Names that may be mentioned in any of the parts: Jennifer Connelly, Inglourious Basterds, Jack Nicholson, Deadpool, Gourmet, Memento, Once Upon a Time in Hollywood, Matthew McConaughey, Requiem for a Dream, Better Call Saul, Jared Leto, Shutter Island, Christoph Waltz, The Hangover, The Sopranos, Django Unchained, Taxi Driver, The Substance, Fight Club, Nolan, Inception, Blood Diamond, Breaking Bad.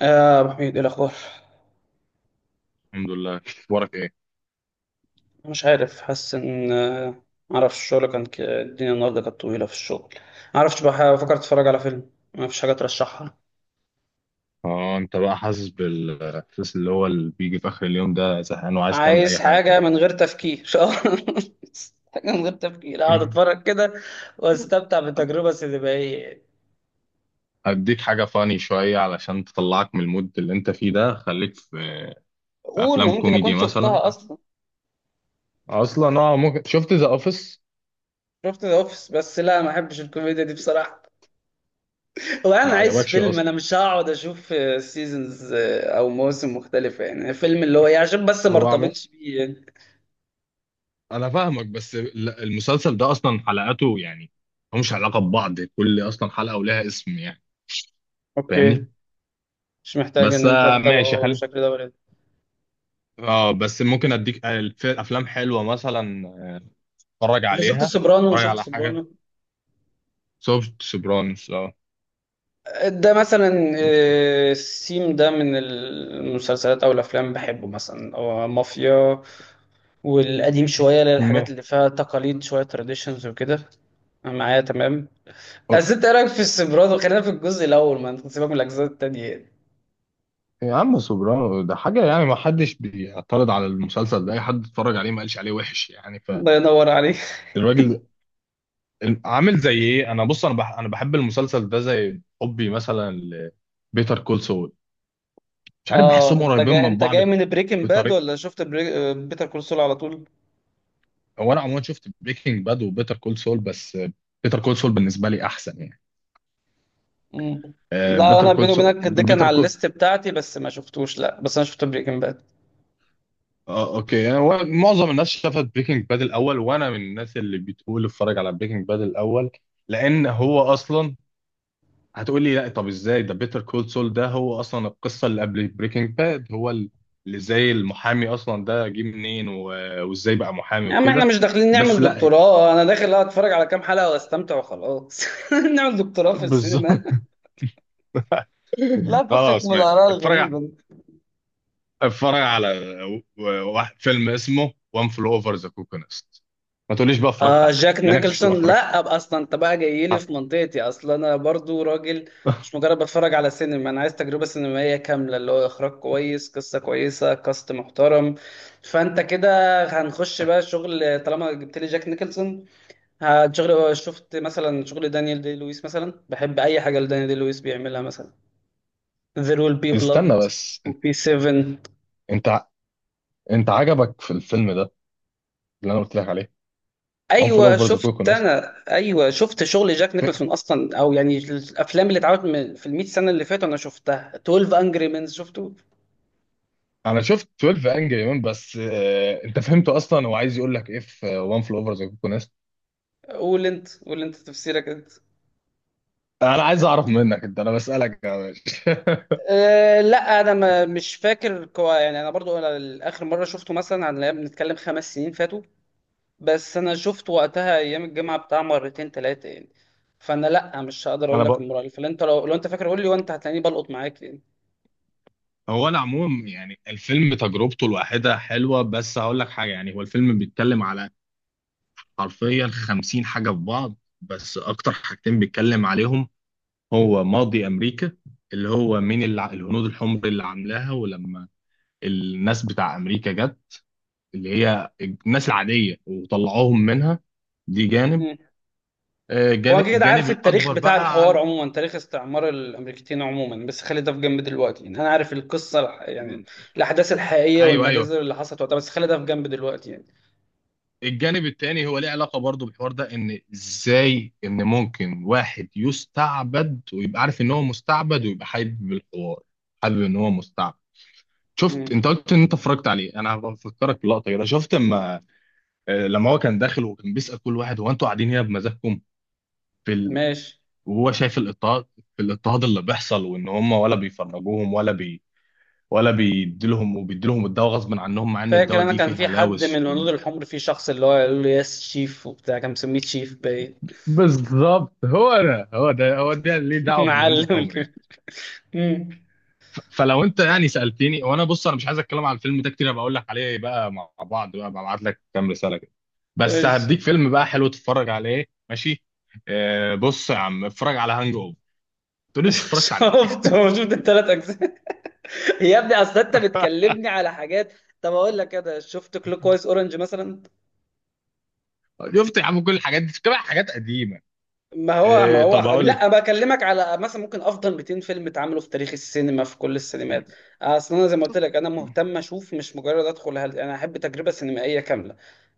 آه أبو حميد إيه الأخبار؟ الحمد لله، اخبارك ايه؟ مش عارف حاسس إن معرفش الشغل الدنيا النهاردة كانت طويلة في الشغل. معرفش بفكر أتفرج على فيلم. مفيش حاجة ترشحها؟ اه انت بقى حاسس بالاحساس اللي هو اللي بيجي في اخر اليوم ده، زهقان وعايز تعمل عايز اي حاجه كده. حاجة من غير تفكير حاجة من غير تفكير أقعد أتفرج كده وأستمتع بالتجربة السينمائية. هديك حاجه فاني شويه علشان تطلعك من المود اللي انت فيه ده، خليك في قول ما افلام يمكن أكون كوميدي شفتها مثلا. أصلا. اصلا ممكن شفت ذا اوفيس؟ شفت ذا أوفيس بس لا، ما أحبش الكوميديا دي بصراحة، ما وانا عايز عجبكش فيلم، اصلا. انا مش هقعد اشوف سيزونز او موسم مختلفه، يعني فيلم اللي هو إيه، عشان بس ما هو عم... ارتبطش بيه يعني. انا فاهمك، بس المسلسل ده اصلا حلقاته يعني ملهمش علاقه ببعض، كل اصلا حلقه ولها اسم يعني. اوكي، فاهمني؟ مش محتاج بس ان انت ماشي. تتابعه بشكل دوري. اه بس ممكن اديك افلام حلوه مثلا اتفرج انت شفت عليها. سوبرانو اتفرج وشفت على حاجه، سوبرانو سوفت سوبرانوس. اه ده مثلا، السيم ده من المسلسلات او الافلام بحبه مثلا، او مافيا والقديم شويه، م- للحاجات اللي فيها تقاليد شويه، تراديشنز وكده. أنا معايا تمام. آه. بس انت إيه رايك في السوبرانو؟ خلينا في الجزء الاول، ما انت سيبك من الاجزاء التانية. يا عم، سوبرانو ده حاجه يعني ما حدش بيعترض على المسلسل ده، اي حد اتفرج عليه ما قالش عليه وحش يعني. الله ينور عليك فالراجل عامل زي ايه؟ انا بص، انا بحب المسلسل ده زي حبي مثلا لبيتر كول سول. مش عارف، اه بحسهم انت قريبين جاي من انت بعض جاي من بريكنج باد؟ بطريقه. ولا شفت بيتر كول سول على طول؟ هو انا عموما شفت بريكنج باد وبيتر كول سول، بس بيتر كول سول بالنسبه لي احسن يعني. مم. لا بيتر انا كول بيني سول وبينك ده كان بيتر على الليست بتاعتي بس ما شفتوش، لا بس انا شفت بريكنج باد. اه اوكي يعني، هو معظم الناس شافت بريكنج باد الاول، وانا من الناس اللي بتقول اتفرج على بريكنج باد الاول. لان هو اصلا هتقول لي لا طب ازاي، ده بيتر كول سول ده هو اصلا القصه اللي قبل بريكنج باد، هو اللي زي المحامي اصلا، ده جه منين وازاي بقى محامي يا عم احنا وكده. مش داخلين بس نعمل لا. دكتوراه. انا داخل اتفرج على كام حلقة واستمتع وخلاص نعمل دكتوراه في بالظبط. السينما؟ لا فكك خلاص من ماشي. الآراء الغريبة دي. اتفرج على واحد فيلم اسمه وان فلو اوفر ذا كوكو نست. ما تقوليش بقى اتفرجت آه عليه، جاك لانك مش هتبقى نيكلسون، اتفرجت. لا أبقى اصلا انت بقى جاي لي في منطقتي، اصلا انا برضو راجل مش مجرد بتفرج على سينما، انا عايز تجربة سينمائية كاملة اللي هو اخراج كويس، قصة كويسة، كاست محترم. فانت كده هنخش بقى شغل طالما جبت لي جاك نيكلسون. هتشغل، شفت مثلا شغل دانيال دي لويس مثلا؟ بحب اي حاجه لدانيال دي لويس بيعملها مثلا، There will be blood استنى بس، وبي 7. انت انت عجبك في الفيلم ده اللي انا قلت لك عليه؟ وان فول ايوه اوفر ذا شفت، كوكونس. انا ايوه شفت شغل جاك نيكلسون اصلا، او يعني الافلام اللي اتعملت في ال 100 سنه اللي فاتوا انا شفتها. 12 انجري مينز شفته. انا شفت 12 انجري مان بس، انت فهمته اصلا؟ هو عايز يقول لك ايه في وان فول اوفر ذا كوكونس؟ قول انت، قول انت تفسيرك انت. انا عايز اعرف منك انت، انا بسالك يا باشا. أه لا، انا ما مش فاكر كوا يعني، انا برضو، انا اخر مره شفته مثلا عن بنتكلم 5 سنين فاتوا، بس انا شفت وقتها ايام الجامعه بتاع مرتين ثلاثه يعني. فانا لا مش هقدر اقول انا لك بقى، المره اللي فاتت. انت لو انت فاكر قول لي، وانت هتلاقيني بلقط معاك يعني. هو انا عموما يعني الفيلم تجربته الواحده حلوه، بس هقول لك حاجه يعني، هو الفيلم بيتكلم على حرفيا 50 حاجه في بعض. بس اكتر حاجتين بيتكلم عليهم، هو ماضي امريكا، اللي هو من الهنود الحمر اللي عاملاها، ولما الناس بتاع امريكا جت، اللي هي الناس العاديه، وطلعوهم منها. دي جانب. مم. هو جانب، انا كده الجانب عارف التاريخ الاكبر بتاع بقى الحوار على عموما، تاريخ استعمار الامريكتين عموما، بس خلي ده في جنب دلوقتي يعني، انا عارف القصه يعني م- الاحداث الحقيقيه ايوه ايوه. والمجازر اللي حصلت وقتها، بس خلي ده في جنب دلوقتي يعني. الجانب التاني هو ليه علاقه برضو بالحوار ده، ان ازاي ان ممكن واحد يستعبد ويبقى عارف ان هو مستعبد، ويبقى حابب الحوار، حابب ان هو مستعبد. شفت، مم. انت قلت ان انت اتفرجت عليه، انا بفكرك بلقطه كده. شفت اما لما هو كان داخل وكان بيسأل كل واحد، هو انتوا قاعدين هنا بمزاجكم؟ في ال... ماشي. وهو شايف الاضطهاد، الاضطهاد اللي بيحصل، وان هم ولا بيفرجوهم، ولا بيديلهم، وبيديلهم الدواء غصب عنهم، مع ان فاكر الدواء انا دي كان فيه في حد من هلاوس الهنود الحمر، في شخص اللي هو يقول له يس شيف وبتاع، كان مسميه شيف باين بالظبط، هو ده هو ده هو ده. ليه دعوه بالهنود بالفيلم معلم الحمر الكبير. يعني؟ مم. فلو انت يعني سألتني، وانا بص انا مش عايز اتكلم على الفيلم ده كتير، أنا بقول لك عليه بقى مع بعض بقى، ببعت لك كام رسالة كده. بس ماشي هديك فيلم بقى حلو تتفرج عليه ماشي. بص يا عم، اتفرج على هانج اوفر. تقولي مش اتفرجت عليه. شفته. شفت الثلاث اجزاء يا ابني اصل انت بتكلمني على حاجات. طب اقول لك كده، شفت كلوك وايز اورنج مثلا؟ شفت يا عم، كل الحاجات دي كمان حاجات قديمة. ما هو ما إيه طب هو اقول لك. لا بكلمك على مثلا ممكن افضل 200 فيلم اتعملوا في تاريخ السينما في كل السينمات. اصل انا زي ما قلت لك، انا مهتم اشوف، مش مجرد ادخل انا احب تجربه سينمائيه كامله،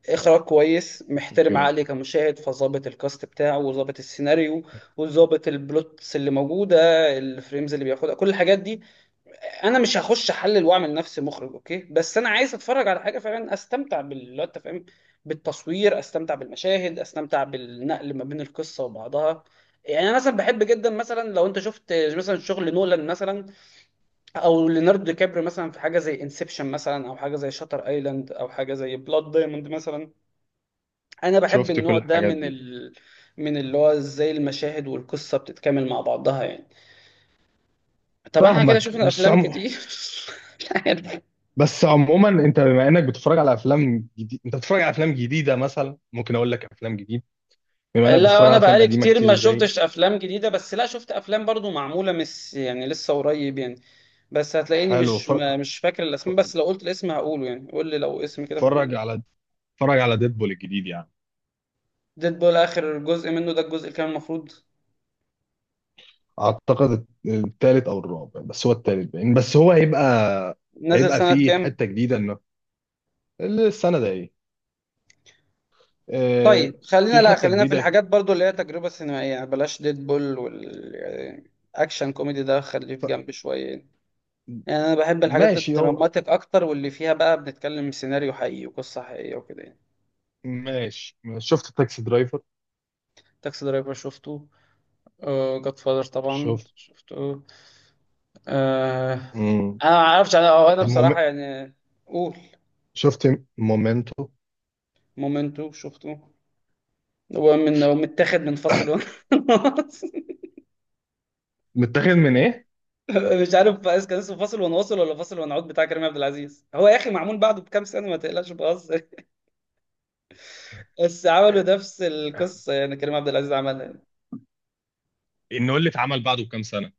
اخراج كويس محترم اوكي، عقلي كمشاهد، فظابط الكاست بتاعه وظابط السيناريو وظابط البلوتس اللي موجوده، الفريمز اللي بياخدها، كل الحاجات دي. انا مش هخش احلل واعمل نفسي مخرج، اوكي؟ بس انا عايز اتفرج على حاجه فعلا استمتع بال، لو انت فاهم، بالتصوير، استمتع بالمشاهد، استمتع بالنقل ما بين القصه وبعضها يعني انا مثلا بحب جدا مثلا، لو انت شفت مثلا شغل نولان مثلا، او ليوناردو دي كابريو مثلا في حاجه زي انسبشن مثلا، او حاجه زي شاتر ايلاند، او حاجه زي بلاد دايموند مثلا، انا بحب شفت كل النوع ده الحاجات من دي. من اللي هو ازاي المشاهد والقصه بتتكامل مع بعضها يعني. طب احنا كده فاهمك شفنا مش افلام عم... كتير لا، بس عموما، انت بما انك بتتفرج على افلام جديد، انت بتتفرج على افلام جديده، مثلا ممكن اقول لك افلام جديد. بما انك لا بتتفرج على انا افلام بقالي قديمه كتير كتير ما زي، شفتش افلام جديده، بس لا شفت افلام برضو معموله، مش يعني لسه قريب يعني، بس هتلاقيني حلو. مش مش فاكر ف- الاسماء، بس لو قلت الاسم هقوله يعني، قول لي لو اسم كده في اتفرج دماغك. على ديدبول الجديد يعني. ديدبول، اخر جزء منه ده الجزء اللي كان المفروض، اعتقد الثالث او الرابع، بس هو الثالث باين. بس هو هيبقى نزل هيبقى سنه فيه كام؟ حته جديده انه، السنه ده ايه. آه، طيب خلينا، في لا حته خلينا في جديده. الحاجات برضو اللي هي تجربه سينمائيه يعني، بلاش ديدبول والاكشن كوميدي ده خليه في جنب شويه يعني. يعني انا بحب الحاجات ماشي. هو الدراماتيك اكتر واللي فيها بقى بنتكلم سيناريو حقيقي وقصه حقيقيه وكده يعني. ماشي. شفت تاكسي درايفر؟ تاكسي درايفر شفته. جاد فاذر طبعا شفت. شفته. آه. امم انا ما اعرفش، انا أو انا موم... بصراحه يعني. قول. شفت مومنتو. مومنتو شفته. هو، من هو متاخد من فاصل ونواصل؟ متاخد من ايه؟ مش عارف بس كان اسمه فاصل ونواصل ولا فاصل ونعود بتاع كريم عبد العزيز؟ هو يا اخي معمول بعده بكام سنه، ما تقلقش بهزر بس عملوا نفس القصه يعني، كريم عبد العزيز عملها يعني. انه اللي اتعمل بعده بكام سنه.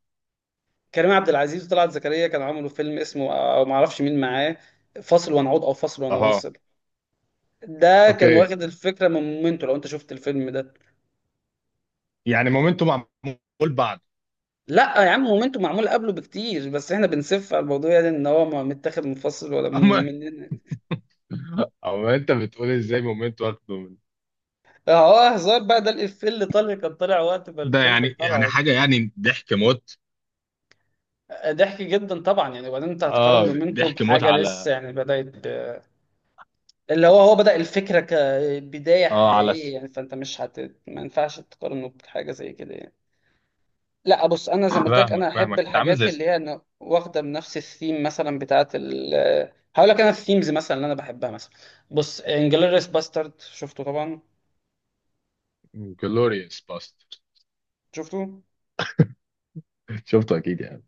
كريم عبد العزيز وطلعت زكريا كانوا عملوا فيلم اسمه، او ما اعرفش مين معاه، فاصل ونعود او فاصل اها. ونواصل، ده كان اوكي واخد الفكره من مومنتو، لو انت شفت الفيلم ده. يعني مومنتو معمول بعد؟ لا يا عم، مومنتو معمول قبله بكتير، بس احنا بنسف على الموضوع يعني ان هو ما متاخد منفصل ولا من اما مننا. اما انت بتقول ازاي مومنتو واخده من اه هزار بقى، ده الافيه اللي طالع كان طالع وقت ما ده؟ الفيلم يعني طلع، حاجه يعني ضحك موت. ضحك جدا طبعا يعني. وبعدين انت هتقارن اه مومنتو ضحك موت بحاجه على، لسه يعني بدات؟ اللي هو بدأ الفكره كبدايه اه على حقيقيه س- يعني، فانت مش هت، ما ينفعش تقارنه بحاجه زي كده يعني. لا بص، انا زي ما قلت لك فاهمك انا احب فاهمك انت عامل الحاجات زي اللي هي أنا واخده من نفس الثيم مثلا بتاعه ال، هقول لك انا الثيمز مثلا اللي انا بحبها مثلا. بص انجلوريس باسترد شفته طبعا؟ جلوريوس باستر. شفته؟ شفته اكيد يعني.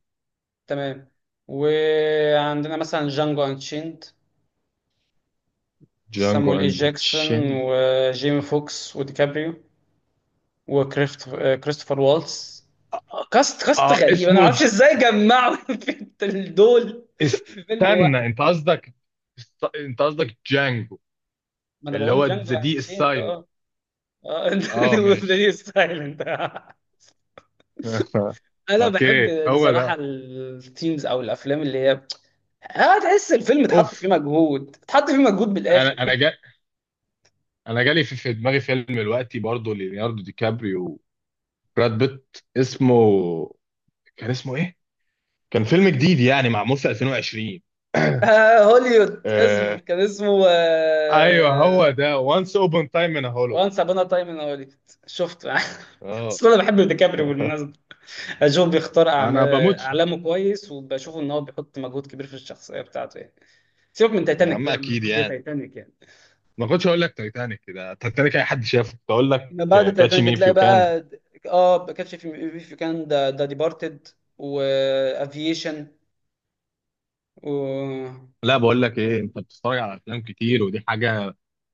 تمام. وعندنا مثلا جانجو انشيند، جانجو سامويل اي اند جاكسون تشين. وجيمي فوكس وديكابريو، وكريست كريستوفر والتس. كاست، كاست اه غريب انا ما اسمه، اعرفش ازاي جمعوا في دول في فيلم واحد. استنى انت قصدك، انت قصدك جانجو ما انا اللي بقول هو جانجو ذا دي انشيند. السايلنت. اه ماشي. ذا ستايل انت. انا اوكي، بحب هو بصراحه ده. التيمز او الافلام اللي هي، اه تحس الفيلم اتحط فيه اوف. مجهود، انا بالاخر انا جا... انا جالي في دماغي فيلم دلوقتي برضه، ليوناردو دي كابريو وبراد بيت، اسمه كان اسمه ايه؟ كان فيلم جديد يعني معمول في 2020. آه هوليوود، اصبر آه... كان اسمه، ايوه هو ده، وانس اوبن تايم ان هولو. وانس ابانا تايم ان هوليوود شفته اه اصل انا بحب ديكابريو بالمناسبه، اشوف بيختار انا بموت فيه. اعلامه كويس وبشوف ان هو بيحط مجهود كبير في الشخصيه بتاعته يعني. سيبك من يا تايتانيك، عم لا ما اكيد بعد يعني، تايتانيك يعني. ما كنتش هقول لك تايتانيك، كده تايتانيك اي حد شافه، كنت اقول لك بعد كاتش التايتانيك مي اف بتلاقي يو كان. بقى اه كاتش في في كان، ده ديبارتد وافيشن و. لا بقول لك ايه، انت بتتفرج على افلام كتير ودي حاجه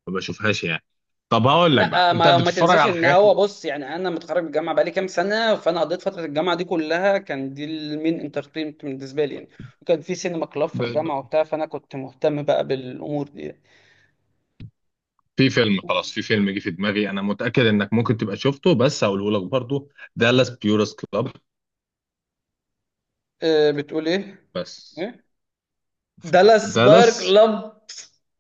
ما بشوفهاش يعني. طب هقول لك بقى، لا، انت ما بتتفرج تنساش على ان حاجات. هو، بص يعني انا متخرج من الجامعه بقالي كام سنه، فانا قضيت فتره الجامعه دي كلها كان دي المين انترتينمنت بالنسبه لي يعني، وكان في سينما كلاب في ب... ب... الجامعه وبتاع، فانا كنت مهتم بقى بالامور دي يعني. في فيلم، خلاص في فيلم جه في دماغي، انا متاكد انك ممكن تبقى شفته بس هقوله لك برضو. دالاس بيورس كلاب. بتقول ايه؟ بس ايه؟ دالاس باير دالاس. كلاب.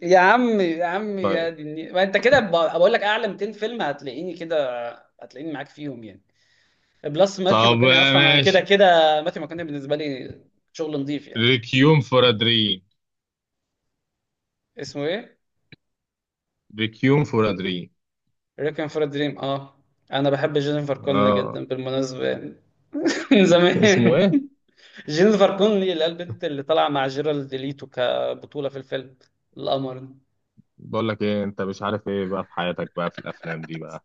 يا عم، يا طيب. دي النيل. ما انت كده بقول لك اعلى 200 فيلم هتلاقيني كده، هتلاقيني معاك فيهم يعني. بلس ماثيو طب ماكوني اصلا انا كده ماشي. كده. ماثيو ماكوني بالنسبه لي شغل نظيف يعني. ريكيوم فور ا دريم. اسمه ايه؟ ريكيوم فور ا دريم. ريكوين فور دريم، اه. انا بحب جينيفر كونلي اه جدا بالمناسبه يعني من اسمه زمان. إيه؟ جينيفر كونلي اللي هي البنت اللي طالعه مع جيرالد ليتو كبطوله في الفيلم، القمر ده. بقول لك ايه، انت مش عارف ايه بقى في حياتك بقى في الافلام دي بقى.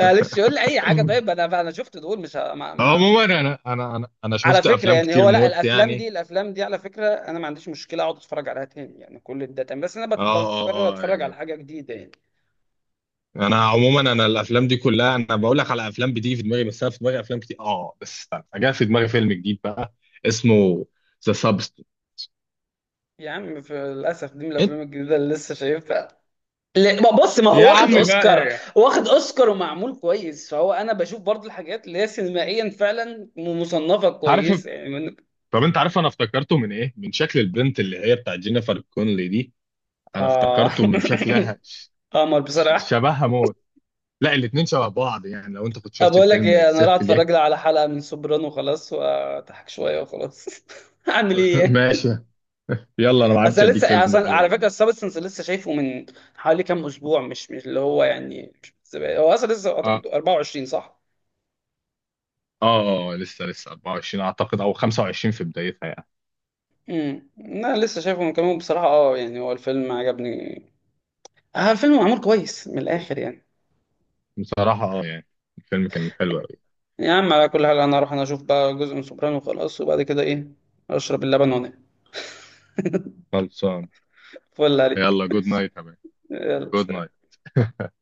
معلش يقول لي اي حاجه، طيب انا شفت دول مش ما... ما... عموما انا على شفت فكره افلام يعني كتير هو، لا موت الافلام يعني. دي، الافلام دي على فكره انا ما عنديش مشكله اقعد اتفرج عليها تاني يعني، كل ده تمام، بس انا بقرر اه اتفرج على يعني، حاجه جديده يعني. انا عموما انا الافلام دي كلها انا بقول لك على افلام بتيجي في دماغي، بس انا في دماغي افلام كتير. اه بس استنى، جاء في دماغي فيلم جديد بقى، اسمه ذا سابستنت. يا عم في للأسف دي من انت، الأفلام الجديدة اللي لسه شايفها. ما بص، ما يا هو واخد عم بقى اوسكار. يا واخد اوسكار ومعمول كويس، فهو انا بشوف برضو الحاجات اللي هي سينمائيا فعلا مصنفه عارف. كويس يعني من... طب انت عارف انا افتكرته من ايه؟ من شكل البنت اللي هي بتاعت جينيفر كونلي دي. انا اه افتكرته من شكلها. قمر بصراحه. شبهها موت. لا الاتنين شبه بعض يعني، لو انت كنت شفت بقول لك الفيلم ايه، انا راح الست اليك. اتفرج لي على حلقه من سوبرانو خلاص، واضحك شويه وخلاص اعمل ايه. ماشي. يلا، انا ما اصل عرفتش أنا اديك لسه، فيلم اصل حلو على بقى. فكره السبستنس لسه شايفه من حوالي كام اسبوع، مش اللي هو يعني مش من زمان. هو اصلا لسه اه اعتقد 24 صح. لسه 24 اعتقد او 25 في بدايتها يعني. انا لسه شايفه من كام يوم بصراحه، اه يعني هو الفيلم عجبني. اه الفيلم معمول كويس من الاخر يعني. بصراحة يعني الفيلم كان حلو قوي. يا عم على كل حال انا اروح اشوف بقى جزء من سوبرانو وخلاص، وبعد كده ايه، اشرب اللبن وانام خلصان. فل عليك. يلا جود نايت يا مان. يلا جود سلام. نايت.